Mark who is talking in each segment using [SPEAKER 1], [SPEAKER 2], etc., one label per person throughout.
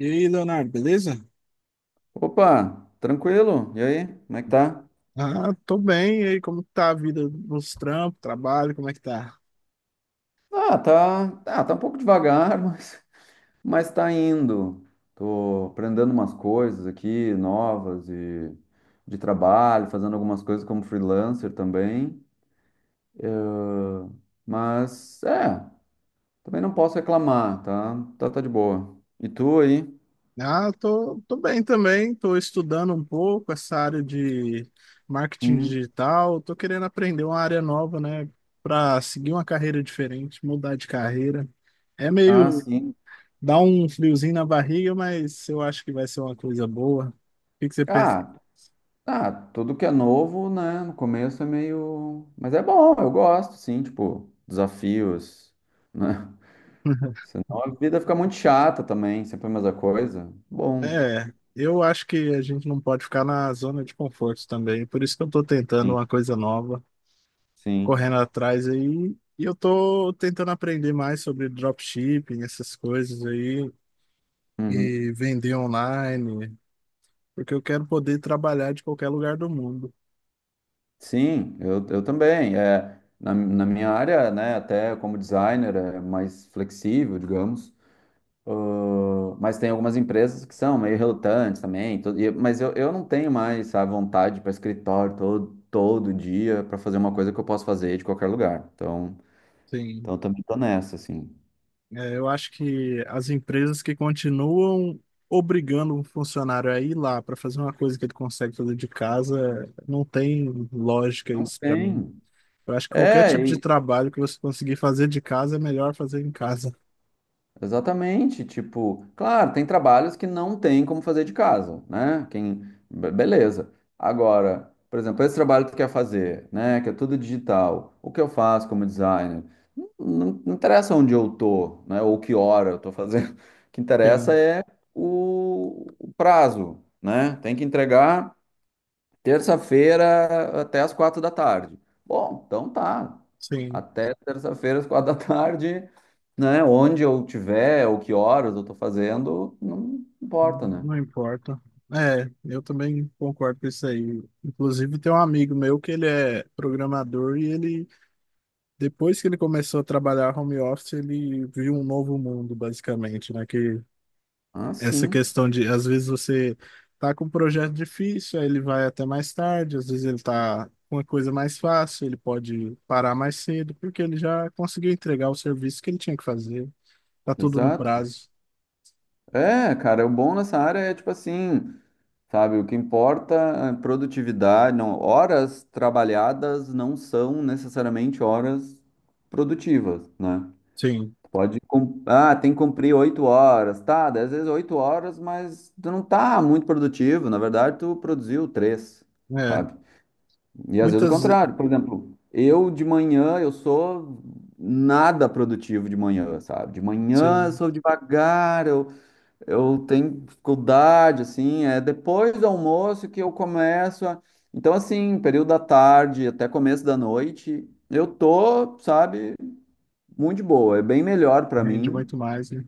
[SPEAKER 1] E aí, Leonardo, beleza?
[SPEAKER 2] Opa, tranquilo? E aí, como é que tá?
[SPEAKER 1] Ah, tô bem. E aí, como que tá a vida nos trampos, trabalho, como é que tá?
[SPEAKER 2] Ah, tá, tá, tá um pouco devagar, mas tá indo. Tô aprendendo umas coisas aqui novas e de trabalho, fazendo algumas coisas como freelancer também, mas é, também não posso reclamar, tá? Tá, tá de boa. E tu aí?
[SPEAKER 1] Ah, tô bem também. Tô estudando um pouco essa área de marketing
[SPEAKER 2] Hum.
[SPEAKER 1] digital. Tô querendo aprender uma área nova, né? Pra seguir uma carreira diferente, mudar de carreira. É
[SPEAKER 2] Ah,
[SPEAKER 1] meio
[SPEAKER 2] sim.
[SPEAKER 1] dá um friozinho na barriga, mas eu acho que vai ser uma coisa boa. O que que você pensa?
[SPEAKER 2] Ah, ah, tudo que é novo, né, no começo é meio, mas é bom, eu gosto, sim, tipo, desafios, né? Senão a vida fica muito chata também, sempre a mesma coisa. Bom,
[SPEAKER 1] É, eu acho que a gente não pode ficar na zona de conforto também. Por isso que eu tô tentando
[SPEAKER 2] sim,
[SPEAKER 1] uma coisa nova,
[SPEAKER 2] sim.
[SPEAKER 1] correndo atrás aí. E eu tô tentando aprender mais sobre dropshipping, essas coisas aí,
[SPEAKER 2] Uhum.
[SPEAKER 1] e vender online, porque eu quero poder trabalhar de qualquer lugar do mundo.
[SPEAKER 2] Sim, eu também. É, na minha área, né, até como designer, é mais flexível, digamos. Ah, mas tem algumas empresas que são meio relutantes também. Mas eu não tenho mais a vontade para escritório todo dia para fazer uma coisa que eu posso fazer de qualquer lugar. Então,
[SPEAKER 1] Sim.
[SPEAKER 2] então também tô nessa, assim.
[SPEAKER 1] É, eu acho que as empresas que continuam obrigando um funcionário a ir lá para fazer uma coisa que ele consegue fazer de casa, não tem lógica
[SPEAKER 2] Não
[SPEAKER 1] isso para mim.
[SPEAKER 2] tem.
[SPEAKER 1] Eu acho que qualquer tipo de
[SPEAKER 2] É,
[SPEAKER 1] trabalho que você conseguir fazer de casa é melhor fazer em casa.
[SPEAKER 2] exatamente, tipo, claro, tem trabalhos que não tem como fazer de casa, né? Quem, beleza. Agora, por exemplo, esse trabalho que tu quer fazer, né? Que é tudo digital. O que eu faço como designer? Não, não interessa onde eu tô, né? Ou que hora eu tô fazendo. O que interessa
[SPEAKER 1] Sim,
[SPEAKER 2] é o prazo, né? Tem que entregar terça-feira até as 4 da tarde. Bom, então tá.
[SPEAKER 1] sim.
[SPEAKER 2] Até terça-feira às 4 da tarde, né? Onde eu tiver, ou que horas eu tô fazendo, não importa, né?
[SPEAKER 1] Não importa. É, eu também concordo com isso aí. Inclusive, tem um amigo meu que ele é programador e ele, depois que ele começou a trabalhar home office, ele viu um novo mundo, basicamente, né? Que
[SPEAKER 2] Ah,
[SPEAKER 1] essa
[SPEAKER 2] sim,
[SPEAKER 1] questão de, às vezes, você tá com um projeto difícil, aí ele vai até mais tarde, às vezes ele tá com uma coisa mais fácil, ele pode parar mais cedo, porque ele já conseguiu entregar o serviço que ele tinha que fazer. Tá tudo no
[SPEAKER 2] exato.
[SPEAKER 1] prazo.
[SPEAKER 2] É, cara, o bom nessa área é tipo assim, sabe? O que importa é produtividade, não, horas trabalhadas não são necessariamente horas produtivas, né?
[SPEAKER 1] Sim,
[SPEAKER 2] Pode, tem que cumprir 8 horas, tá? Daí às vezes 8 horas, mas tu não tá muito produtivo. Na verdade, tu produziu três,
[SPEAKER 1] é.
[SPEAKER 2] sabe? E às vezes o
[SPEAKER 1] Muitas, ve-
[SPEAKER 2] contrário. Por exemplo, eu de manhã, eu sou nada produtivo de manhã, sabe? De manhã eu
[SPEAKER 1] sim.
[SPEAKER 2] sou devagar, eu tenho dificuldade, assim. É depois do almoço que eu começo a... Então, assim, período da tarde até começo da noite, eu tô, sabe, muito de boa. É bem melhor pra
[SPEAKER 1] Rende
[SPEAKER 2] mim
[SPEAKER 1] muito mais, né?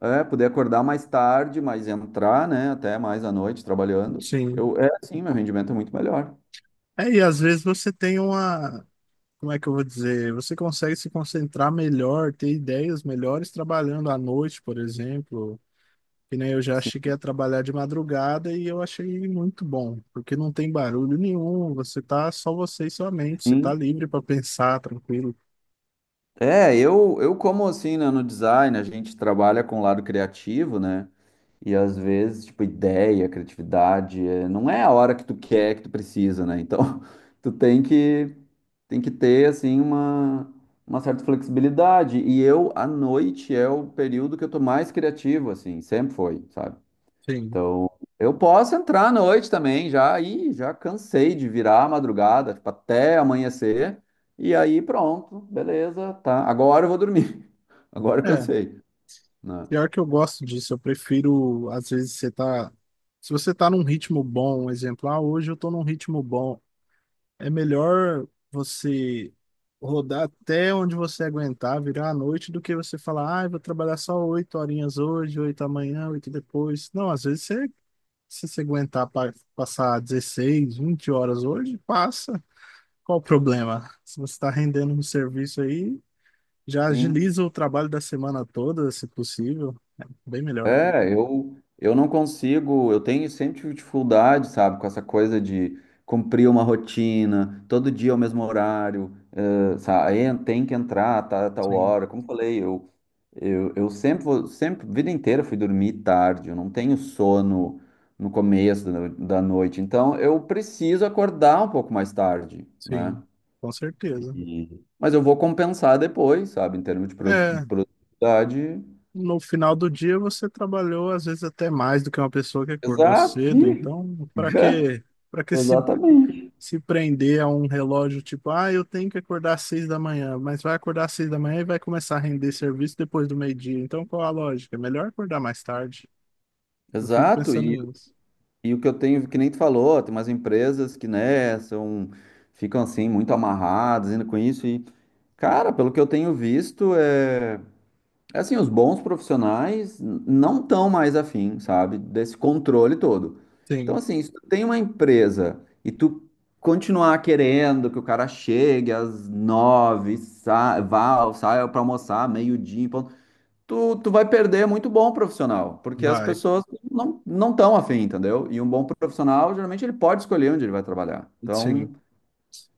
[SPEAKER 2] poder acordar mais tarde, mas entrar, né, até mais à noite trabalhando.
[SPEAKER 1] Sim.
[SPEAKER 2] Eu, sim, meu rendimento é muito melhor.
[SPEAKER 1] É, e às vezes você tem uma. Como é que eu vou dizer? Você consegue se concentrar melhor, ter ideias melhores trabalhando à noite, por exemplo. Que nem eu já
[SPEAKER 2] Sim,
[SPEAKER 1] cheguei a trabalhar de madrugada e eu achei muito bom, porque não tem barulho nenhum, você tá só você e sua mente, você tá
[SPEAKER 2] sim.
[SPEAKER 1] livre para pensar, tranquilo.
[SPEAKER 2] É, eu como assim, né, no design, a gente trabalha com o lado criativo, né? E às vezes, tipo, ideia, criatividade, não é a hora que tu quer, que tu precisa, né? Então, tu tem que ter assim uma certa flexibilidade. E eu à noite é o período que eu tô mais criativo assim, sempre foi, sabe?
[SPEAKER 1] Sim.
[SPEAKER 2] Então, eu posso entrar à noite também, já aí já cansei de virar a madrugada, tipo, até amanhecer, e aí pronto, beleza, tá. Agora eu vou dormir. Agora eu
[SPEAKER 1] É,
[SPEAKER 2] cansei, né?
[SPEAKER 1] pior que eu gosto disso, eu prefiro, às vezes, você tá. Se você tá num ritmo bom, um exemplo, ah, hoje eu tô num ritmo bom. É melhor você rodar até onde você aguentar, virar à noite, do que você falar, ah, eu vou trabalhar só 8 horinhas hoje, oito amanhã, oito depois. Não, às vezes você, se você aguentar passar 16, 20 horas hoje, passa. Qual o problema? Se você está rendendo um serviço aí, já
[SPEAKER 2] Sim.
[SPEAKER 1] agiliza o trabalho da semana toda, se possível. É bem melhor.
[SPEAKER 2] É, eu não consigo, eu tenho sempre tive dificuldade, sabe, com essa coisa de cumprir uma rotina, todo dia ao mesmo horário, sabe? Aí tem que entrar, tá, tal
[SPEAKER 1] Sim,
[SPEAKER 2] hora. Como eu falei, eu sempre, vida inteira fui dormir tarde, eu não tenho sono no começo da noite, então eu preciso acordar um pouco mais tarde, né?
[SPEAKER 1] sim, com certeza.
[SPEAKER 2] Mas eu vou compensar depois, sabe, em termos de produ-
[SPEAKER 1] É,
[SPEAKER 2] produtividade.
[SPEAKER 1] no final do dia você trabalhou às vezes até mais do que uma pessoa que acordou
[SPEAKER 2] Exato,
[SPEAKER 1] cedo,
[SPEAKER 2] ih,
[SPEAKER 1] então para que para que se
[SPEAKER 2] exatamente.
[SPEAKER 1] se prender a um relógio tipo, ah, eu tenho que acordar às 6 da manhã, mas vai acordar às 6 da manhã e vai começar a render serviço depois do meio-dia. Então qual a lógica? É melhor acordar mais tarde. Eu fico
[SPEAKER 2] Exato,
[SPEAKER 1] pensando
[SPEAKER 2] e,
[SPEAKER 1] nisso.
[SPEAKER 2] e o que eu tenho, que nem tu falou, tem umas empresas que, né, são, ficam assim muito amarradas ainda com isso, e, cara, pelo que eu tenho visto, é. Assim, os bons profissionais não estão mais afim, sabe, desse controle todo. Então,
[SPEAKER 1] Sim,
[SPEAKER 2] assim, se tu tem uma empresa e tu continuar querendo que o cara chegue às 9, saia para almoçar meio-dia, em ponto, tu vai perder muito bom profissional, porque as
[SPEAKER 1] vai.
[SPEAKER 2] pessoas não estão afim, entendeu? E um bom profissional, geralmente, ele pode escolher onde ele vai trabalhar. Então,
[SPEAKER 1] Sim.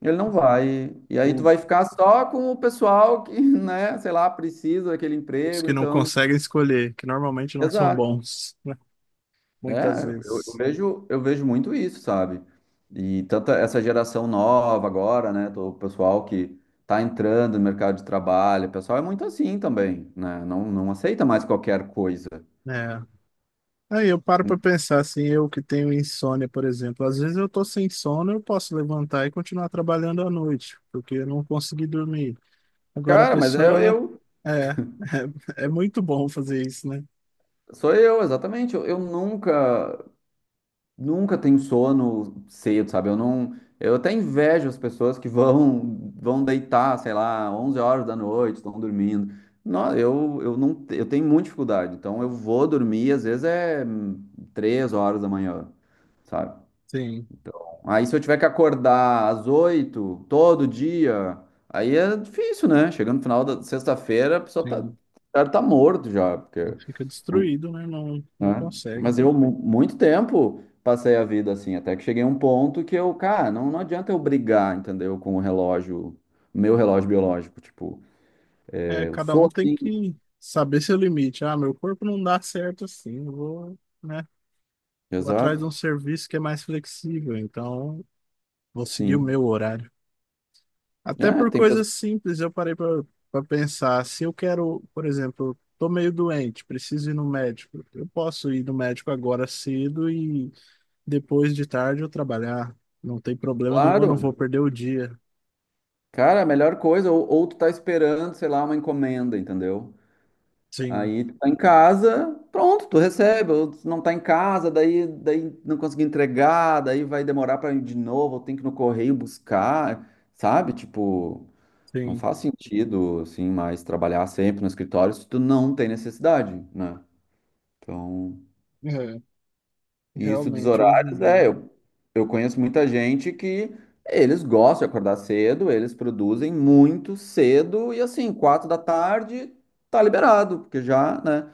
[SPEAKER 2] ele não vai. E aí tu
[SPEAKER 1] O-
[SPEAKER 2] vai ficar só com o pessoal que, né, sei lá, precisa daquele
[SPEAKER 1] os
[SPEAKER 2] emprego,
[SPEAKER 1] que não
[SPEAKER 2] então.
[SPEAKER 1] conseguem escolher, que normalmente não são
[SPEAKER 2] Exato.
[SPEAKER 1] bons, né? Muitas
[SPEAKER 2] né eu, eu
[SPEAKER 1] vezes.
[SPEAKER 2] vejo, eu vejo muito isso, sabe? E tanta essa geração nova agora, né? O pessoal que tá entrando no mercado de trabalho, o pessoal é muito assim também, né? Não, não aceita mais qualquer coisa.
[SPEAKER 1] É. Aí eu paro pra pensar assim, eu que tenho insônia, por exemplo, às vezes eu tô sem sono, eu posso levantar e continuar trabalhando à noite, porque eu não consegui dormir. Agora a
[SPEAKER 2] Cara, mas
[SPEAKER 1] pessoa é, é muito bom fazer isso, né?
[SPEAKER 2] sou eu, exatamente. Eu nunca Nunca tenho sono cedo, sabe? Eu não, eu até invejo as pessoas que vão deitar, sei lá, 11 horas da noite, estão dormindo. Não, eu não, eu tenho muita dificuldade. Então eu vou dormir, às vezes é 3 horas da manhã, sabe?
[SPEAKER 1] Sim,
[SPEAKER 2] Aí se eu tiver que acordar às 8 todo dia, aí é difícil, né? Chegando no final da sexta-feira, a pessoa tá,
[SPEAKER 1] sim.
[SPEAKER 2] tá tá morto já,
[SPEAKER 1] Não,
[SPEAKER 2] porque
[SPEAKER 1] fica destruído, né? Não, não
[SPEAKER 2] né?
[SPEAKER 1] consegue.
[SPEAKER 2] Mas eu, muito tempo, passei a vida assim, até que cheguei a um ponto que eu, cara, não, não adianta eu brigar, entendeu? Com o relógio, meu relógio biológico, tipo,
[SPEAKER 1] É,
[SPEAKER 2] eu
[SPEAKER 1] cada
[SPEAKER 2] sou
[SPEAKER 1] um tem
[SPEAKER 2] assim.
[SPEAKER 1] que saber seu limite. Ah, meu corpo não dá certo assim, eu vou, né? Vou atrás de
[SPEAKER 2] Exato,
[SPEAKER 1] um serviço que é mais flexível, então vou seguir o
[SPEAKER 2] sim.
[SPEAKER 1] meu horário. Até
[SPEAKER 2] É,
[SPEAKER 1] por
[SPEAKER 2] tem
[SPEAKER 1] coisas
[SPEAKER 2] pessoas,
[SPEAKER 1] simples, eu parei para pensar. Se eu quero, por exemplo, estou meio doente, preciso ir no médico. Eu posso ir no médico agora cedo e depois de tarde eu trabalhar. Não tem problema nenhum, eu não vou
[SPEAKER 2] claro,
[SPEAKER 1] perder o dia.
[SPEAKER 2] cara, a melhor coisa, ou, tu tá esperando, sei lá, uma encomenda, entendeu?
[SPEAKER 1] Sim,
[SPEAKER 2] Aí tu tá em casa, pronto, tu recebe, ou tu não tá em casa, daí não consegui entregar, daí vai demorar pra ir de novo, ou tem que ir no correio buscar, sabe? Tipo. Não
[SPEAKER 1] sim.
[SPEAKER 2] faz sentido, assim, mais trabalhar sempre no escritório se tu não tem necessidade, né? Então,
[SPEAKER 1] É,
[SPEAKER 2] e isso dos
[SPEAKER 1] realmente, hoje em
[SPEAKER 2] horários, é,
[SPEAKER 1] dia.
[SPEAKER 2] eu, eu conheço muita gente que eles gostam de acordar cedo, eles produzem muito cedo e assim, 4 da tarde tá liberado, porque já, né?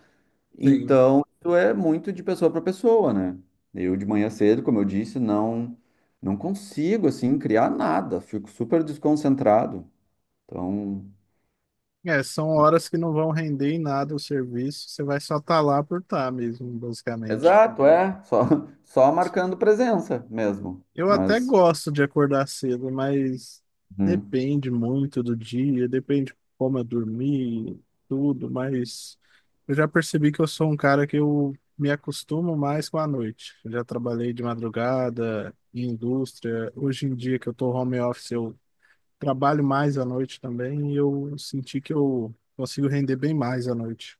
[SPEAKER 1] Sim.
[SPEAKER 2] Então, isso é muito de pessoa para pessoa, né? Eu de manhã cedo, como eu disse, não consigo assim criar nada, fico super desconcentrado. Então.
[SPEAKER 1] É, são horas que não vão render em nada o serviço. Você vai só estar lá por estar mesmo, basicamente.
[SPEAKER 2] Exato, é. Só, só marcando presença mesmo.
[SPEAKER 1] Eu até
[SPEAKER 2] Mas.
[SPEAKER 1] gosto de acordar cedo, mas
[SPEAKER 2] Uhum.
[SPEAKER 1] depende muito do dia, depende como eu dormi, tudo, mas eu já percebi que eu sou um cara que eu me acostumo mais com a noite. Eu já trabalhei de madrugada, em indústria. Hoje em dia que eu tô home office, eu trabalho mais à noite também e eu senti que eu consigo render bem mais à noite.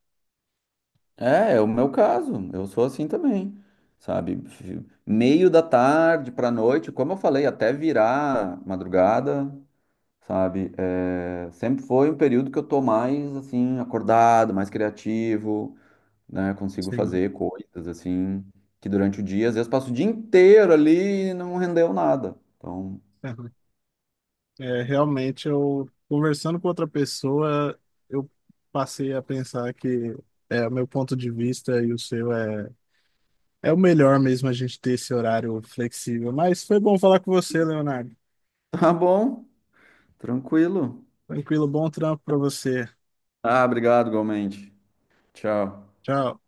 [SPEAKER 2] É, o meu caso. Eu sou assim também, sabe? Meio da tarde pra noite, como eu falei, até virar madrugada, sabe? É, sempre foi um período que eu tô mais assim acordado, mais criativo, né? Consigo
[SPEAKER 1] Sim.
[SPEAKER 2] fazer coisas assim que durante o dia, às vezes passo o dia inteiro ali e não rendeu nada. Então,
[SPEAKER 1] É, realmente, eu conversando com outra pessoa, eu passei a pensar que é, o meu ponto de vista e o seu é, é o melhor mesmo a gente ter esse horário flexível. Mas foi bom falar com você, Leonardo.
[SPEAKER 2] tá bom, tranquilo.
[SPEAKER 1] Tranquilo, bom trampo para você.
[SPEAKER 2] Ah, obrigado, igualmente. Tchau.
[SPEAKER 1] Tchau.